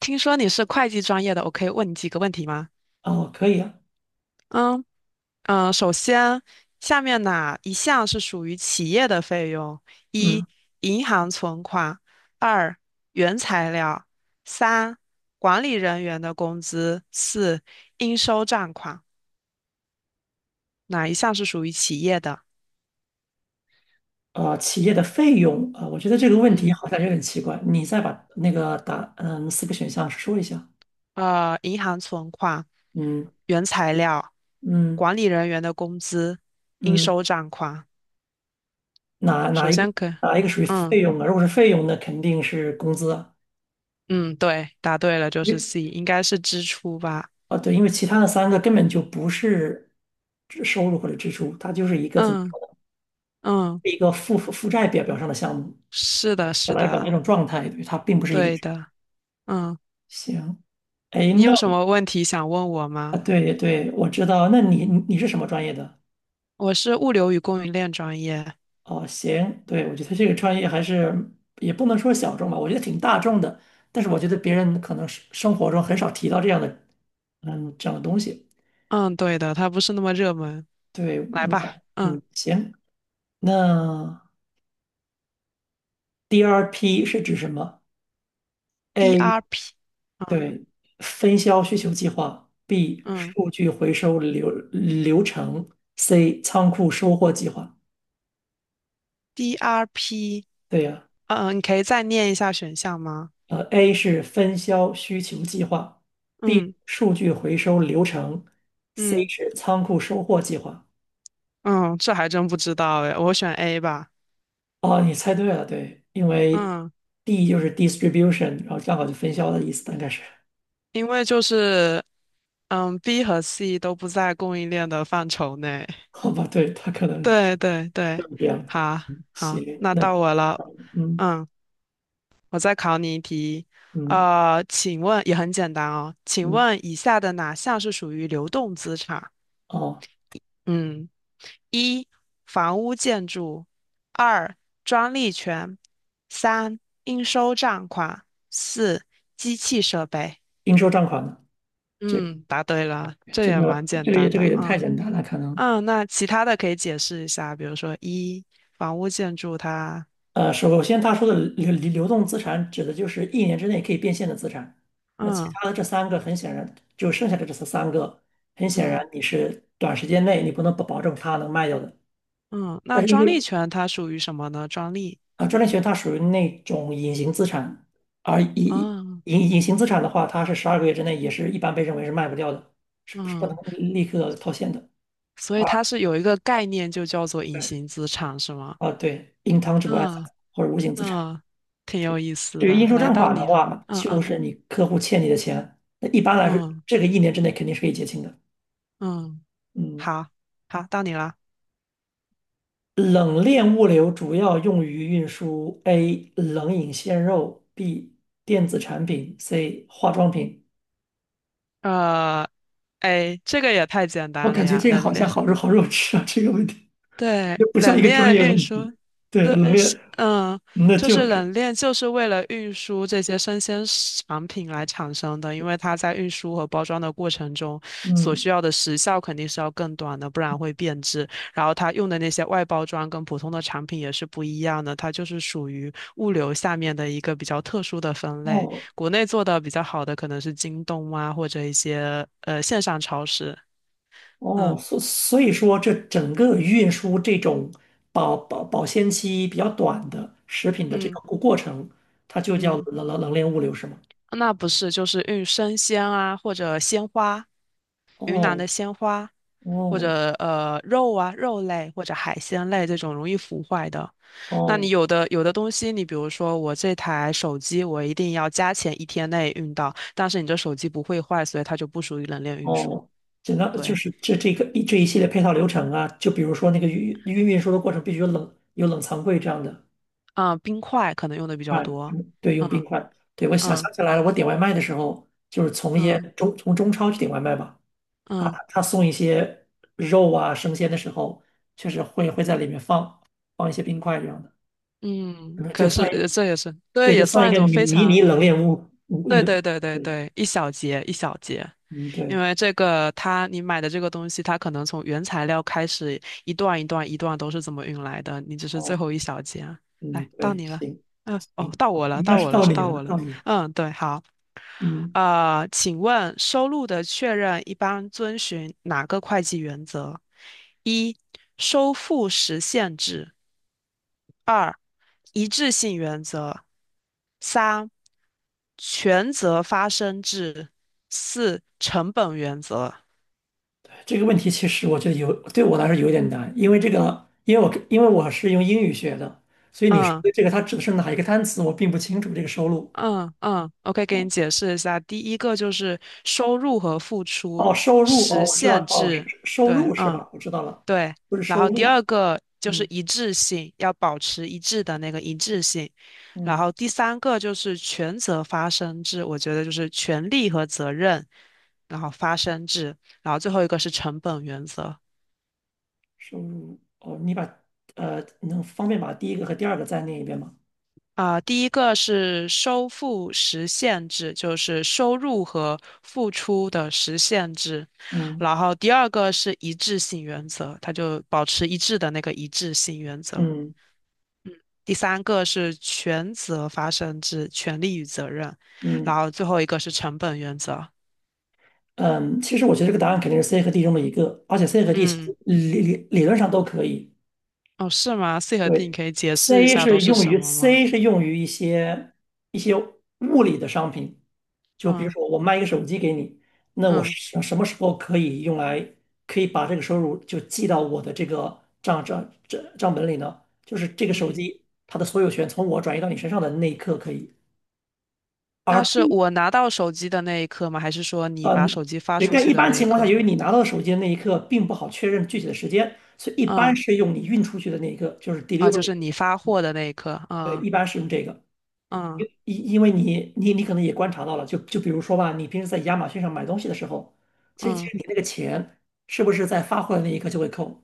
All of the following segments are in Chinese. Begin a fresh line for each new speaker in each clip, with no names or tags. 听说你是会计专业的，我可以问你几个问题吗？
哦，可以啊。
嗯嗯，首先，下面哪一项是属于企业的费用？一、
嗯，
银行存款；二、原材料；三、管理人员的工资；四、应收账款。哪一项是属于企业的？
企业的费用啊，我觉得这个问题
嗯，
好像有点奇怪，你再把那个答，嗯，四个选项说一下。
银行存款、
嗯
原材料、
嗯
管理人员的工资、应
嗯，
收账款。
哪哪
首
一个
先可，
哪一个属于
嗯。
费用啊？如果是费用，那肯定是工资啊。
嗯，对，答对了，就
因
是
为
C，应该是支出吧？
啊，对，因为其他的三个根本就不是支收入或者支出，它就是一个怎么
嗯
说呢？
嗯，
一个负债表上的项目，
是的，
表
是
达表达一
的，
种状态。对，它并不是一个
对
支出。
的。嗯，
行，哎，
你有什
那
么问题想问我
啊，
吗？
对对，我知道。那你是什么专业的？
我是物流与供应链专业。
哦，行，对。我觉得这个专业还是也不能说小众吧，我觉得挺大众的，但是我觉得别人可能是生活中很少提到这样的，嗯，这样的东西。
嗯，对的，它不是那么热门。
对。
来吧，嗯
行，那 DRP 是指什么？A，
，DRP，嗯
对，分销需求计划；B，
嗯
数据回收流程；C，仓库收货计划。
，DRP，
对呀、
嗯，你可以再念一下选项吗？
呃，A 是分销需求计划，B
嗯
数据回收流程，C
嗯
是仓库收货计划。
嗯，这还真不知道诶，我选 A 吧。
哦，你猜对了。对，因为
嗯，
D 就是 distribution，然后刚好就分销的意思，大概是。
因为就是B 和 C 都不在供应链的范畴内。
好吧，对，它可能是
对对对，
这样的。
好好，
行，
那
那
到我了。
嗯
嗯，我再考你一题。
嗯
请问也很简单哦，请
嗯，
问以下的哪项是属于流动资产？
哦，
嗯，一房屋建筑，二专利权，三应收账款，四机器设备。
应收账款呢？这
嗯，答对了，这
这
也蛮
个
简
这个也
单
这个
的。
也太
嗯。
简单了，可能。
嗯，那其他的可以解释一下，比如说一房屋建筑它，
呃，首先他说的流动资产指的就是一年之内可以变现的资产，那其
嗯
他的这三个很显然就剩下的这三个，很显然
嗯
你是短时间内你不能保证它能卖掉的。
嗯，
但
那
是因
专利
为
权它属于什么呢？专利，
啊，专利权它属于那种隐形资产，而隐
嗯
隐隐形资产的话，它是十二个月之内也是一般被认为是卖不掉的，是不是不能
嗯，
立刻套现的？
所以
啊，
它是有一个概念就叫做隐
对，
形资产，是吗？
啊对，intangible
嗯
asset 或者无形资产。
嗯，挺有意思
对于
的。
应收
来
账
到
款的
你了，
话，
嗯
就
嗯
是你客户欠你的钱，那一般来说，
嗯
这个一年之内肯定是可以结清的。
嗯，
嗯，
好好，到你了。
冷链物流主要用于运输：A. 冷饮鲜肉；B. 电子产品；C. 化妆品。
呃，哎，这个也太简
我
单了
感觉
呀，
这个好
人
像
类。
好肉好肉吃啊，这个问题
对，
这不像一
冷
个专
链
业
运
问
输，
题。对，
对，
冷
是，
链，那
就
就
是冷链就是为了运输这些生鲜食产品来产生的，因为它在运输和包装的过程中所
嗯，
需要的时效肯定是要更短的，不然会变质。然后它用的那些外包装跟普通的产品也是不一样的，它就是属于物流下面的一个比较特殊的分类。
哦，
国内做的比较好的可能是京东啊，或者一些线上超市。
哦，
嗯
所以说，这整个运输这种保鲜期比较短的食品的这
嗯
个过程，它就叫
嗯。
冷链物流，是吗？
那不是，就是运生鲜啊，或者鲜花，
哦
云南的鲜花，或
哦
者肉啊，肉类或者海鲜类这种容易腐坏的。那你
哦
有的东西，你比如说我这台手机，我一定要加钱一天内运到，但是你这手机不会坏，所以它就不属于冷链运输。
哦，整个就
对，
是这这个一这一系列配套流程啊，就比如说那个运输的过程必须有冷有冷藏柜这样的。
啊、冰块可能用的比较
啊，
多。
用对，用冰
嗯
块。对，我想
嗯
想起来了，我点外卖的时候，就是从一些
嗯
中从中超去点外卖吧。他
嗯
他送一些肉啊生鲜的时候，确实会在里面放放一些冰块这样的。
嗯。
嗯这
可是
算一
这也是，
对，
对，
这
也
算一
算一
个
种
迷
非
迷你
常。
冷链物物
对
运，
对对对
对，
对，一小节一小节，
嗯
因
对，
为这个它你买的这个东西，它可能从原材料开始一段一段一段都是怎么运来的，你只是最
哦，
后一小节啊。
嗯
来，到
对，
你了，
行，
嗯，哦，到我了，
应该
到
是
我了，
到
是
你
到
了，
我了。
到你了。
嗯，对，好，
嗯，
请问收入的确认一般遵循哪个会计原则？一、收付时限制；二、一致性原则；三、权责发生制；四、成本原则。
这个问题其实我觉得有对我来说有点难，因为这个，因为我是用英语学的，所以你说
嗯
的这个它指的是哪一个单词，我并不清楚这个收入。
嗯嗯，OK，给你解释一下。第一个就是收入和付出
哦，收入哦，
实
我知
现
道，哦，是
制，
是收
对，
入是
嗯
吧？我知道了。
对。
不是
然
收
后第
入。
二个就是
嗯，
一致性，要保持一致的那个一致性。然
嗯，
后第三个就是权责发生制，我觉得就是权利和责任，然后发生制。然后最后一个是成本原则。
收入哦，呃，能方便把第一个和第二个再念一遍吗？
啊、第一个是收付实现制，就是收入和付出的实现制。
嗯
然后第二个是一致性原则，它就保持一致的那个一致性原则。
嗯
第三个是权责发生制，权利与责任。然
嗯
后最后一个是成本原则。
嗯，其实我觉得这个答案肯定是 C 和 D 中的一个，而且 C 和 D 其
嗯，
实理论上都可以。
哦，是吗？C 和 D 你
对，
可以解释一 下都是什么吗？
C 是用于一些物理的商品，就比如
嗯
说我卖一个手机给你，那我
嗯
什么时候可以把这个收入就记到我的这个账本里呢？就是这个手
嗯，
机它的所有权从我转移到你身上的那一刻可以。
那
而
是
D
我拿到手机的那一刻吗？还是说你把手机发
对，
出
但
去
一
的
般
那一
情况下，
刻？
由于你拿到手机的那一刻并不好确认具体的时间，所以一般
嗯。
是用你运出去的那一刻，就是
啊，就
delivery。
是你发货的那一刻啊，嗯
因为你可能也观察到了，就比如说吧，你平时在亚马逊上买东西的时候，其实其
嗯
实你那个钱是不是在发货的那一刻就会扣？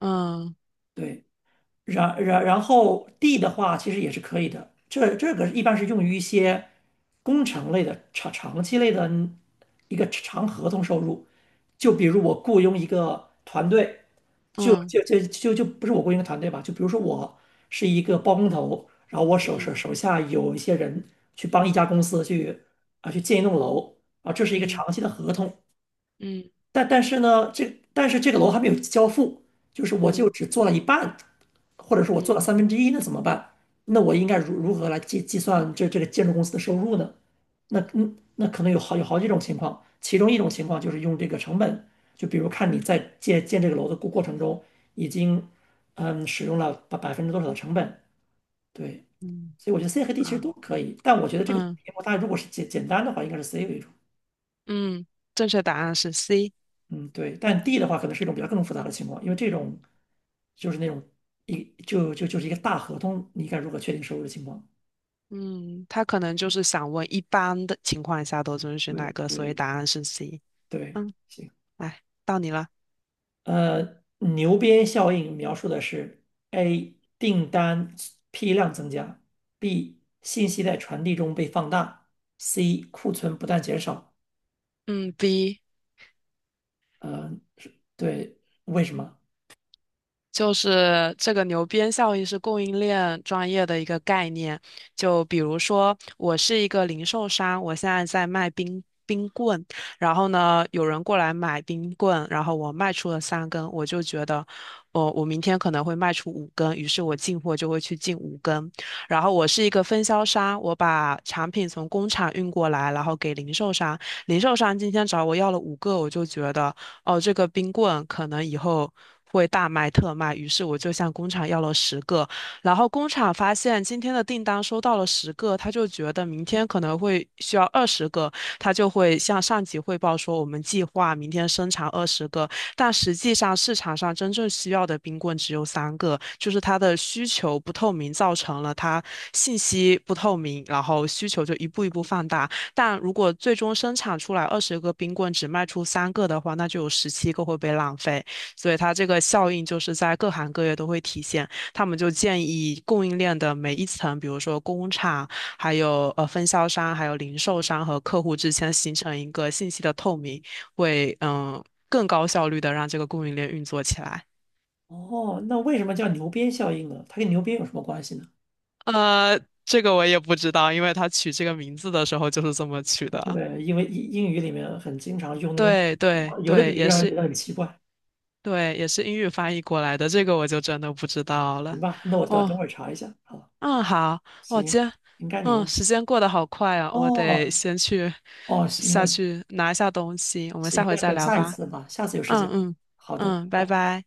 嗯
对，然后 D 的话，其实也是可以的。这个一般是用于一些工程类的长期类的一个长合同收入，就比如我雇佣一个团队，就
嗯
就就就就不是我雇佣一个团队吧，就比如说我是一个包工头，然后我手手
嗯
手下有一些人去帮一家公司去啊去建一栋楼啊，这是一个
嗯
长期的合同。
嗯嗯
但但是呢，这但是这个楼还没有交付，就是我
嗯
就
嗯，
只做了一半，或者说我
嗯
做了
嗯
三分之一，那怎么办？那我应该如何来计算这个建筑公司的收入呢？那嗯，那可能有好几种情况，其中一种情况就是用这个成本，就比如看你在建这个楼的过程中已经嗯使用了百分之多少的成本。对，
嗯
所以我觉得 C 和 D 其实
好，
都可以，但我觉得这个题
嗯
目大家如果是简单的话，应该是 C 为主。
嗯，正确答案是 C。
嗯，对，但 D 的话可能是一种比较更复杂的情况，因为这种就是那种就就就是一个大合同，你该如何确定收入的情况？
嗯，他可能就是想问一般的情况下都遵循哪
对
个，所以
对，
答案是 C。
对，
嗯，
行。
来，到你了。
呃，牛鞭效应描述的是 A 订单批量增加，B 信息在传递中被放大，C 库存不断减少。
嗯，B。
呃，是对，为什么？
就是这个牛鞭效应是供应链专业的一个概念。就比如说，我是一个零售商，我现在在卖冰棍，然后呢，有人过来买冰棍，然后我卖出了三根，我就觉得，我明天可能会卖出五根，于是我进货就会去进五根。然后我是一个分销商，我把产品从工厂运过来，然后给零售商，零售商今天找我要了五个，我就觉得。哦，这个冰棍可能以后会大卖特卖，于是我就向工厂要了十个，然后工厂发现今天的订单收到了十个，他就觉得明天可能会需要二十个，他就会向上级汇报说我们计划明天生产二十个，但实际上市场上真正需要的冰棍只有三个，就是它的需求不透明，造成了它信息不透明，然后需求就一步一步放大。但如果最终生产出来二十个冰棍只卖出三个的话，那就有17个会被浪费。所以它这个效应就是在各行各业都会体现。他们就建议供应链的每一层，比如说工厂、还有分销商、还有零售商和客户之间形成一个信息的透明，会更高效率的让这个供应链运作起来。
哦，那为什么叫牛鞭效应呢？它跟牛鞭有什么关系呢？
呃，这个我也不知道，因为他取这个名字的时候就是这么取的。
对，因为英语里面很经常用那种
对对
啊有的比
对，
喻
也
让人
是
觉得很奇怪。
对，也是英语翻译过来的，这个我就真的不知道
行
了。
吧，那我等
哦，
等会儿查一下。好，
嗯，好，我今
行，
天
应该你问。
时间过得好快啊，我得
哦
先去
哦，行，
下去拿一下东西，我们下
行，
回
那
再
等
聊
下一
吧。
次吧，下次有时间
嗯
吧。
嗯
好的，拜
嗯，拜
拜。
拜。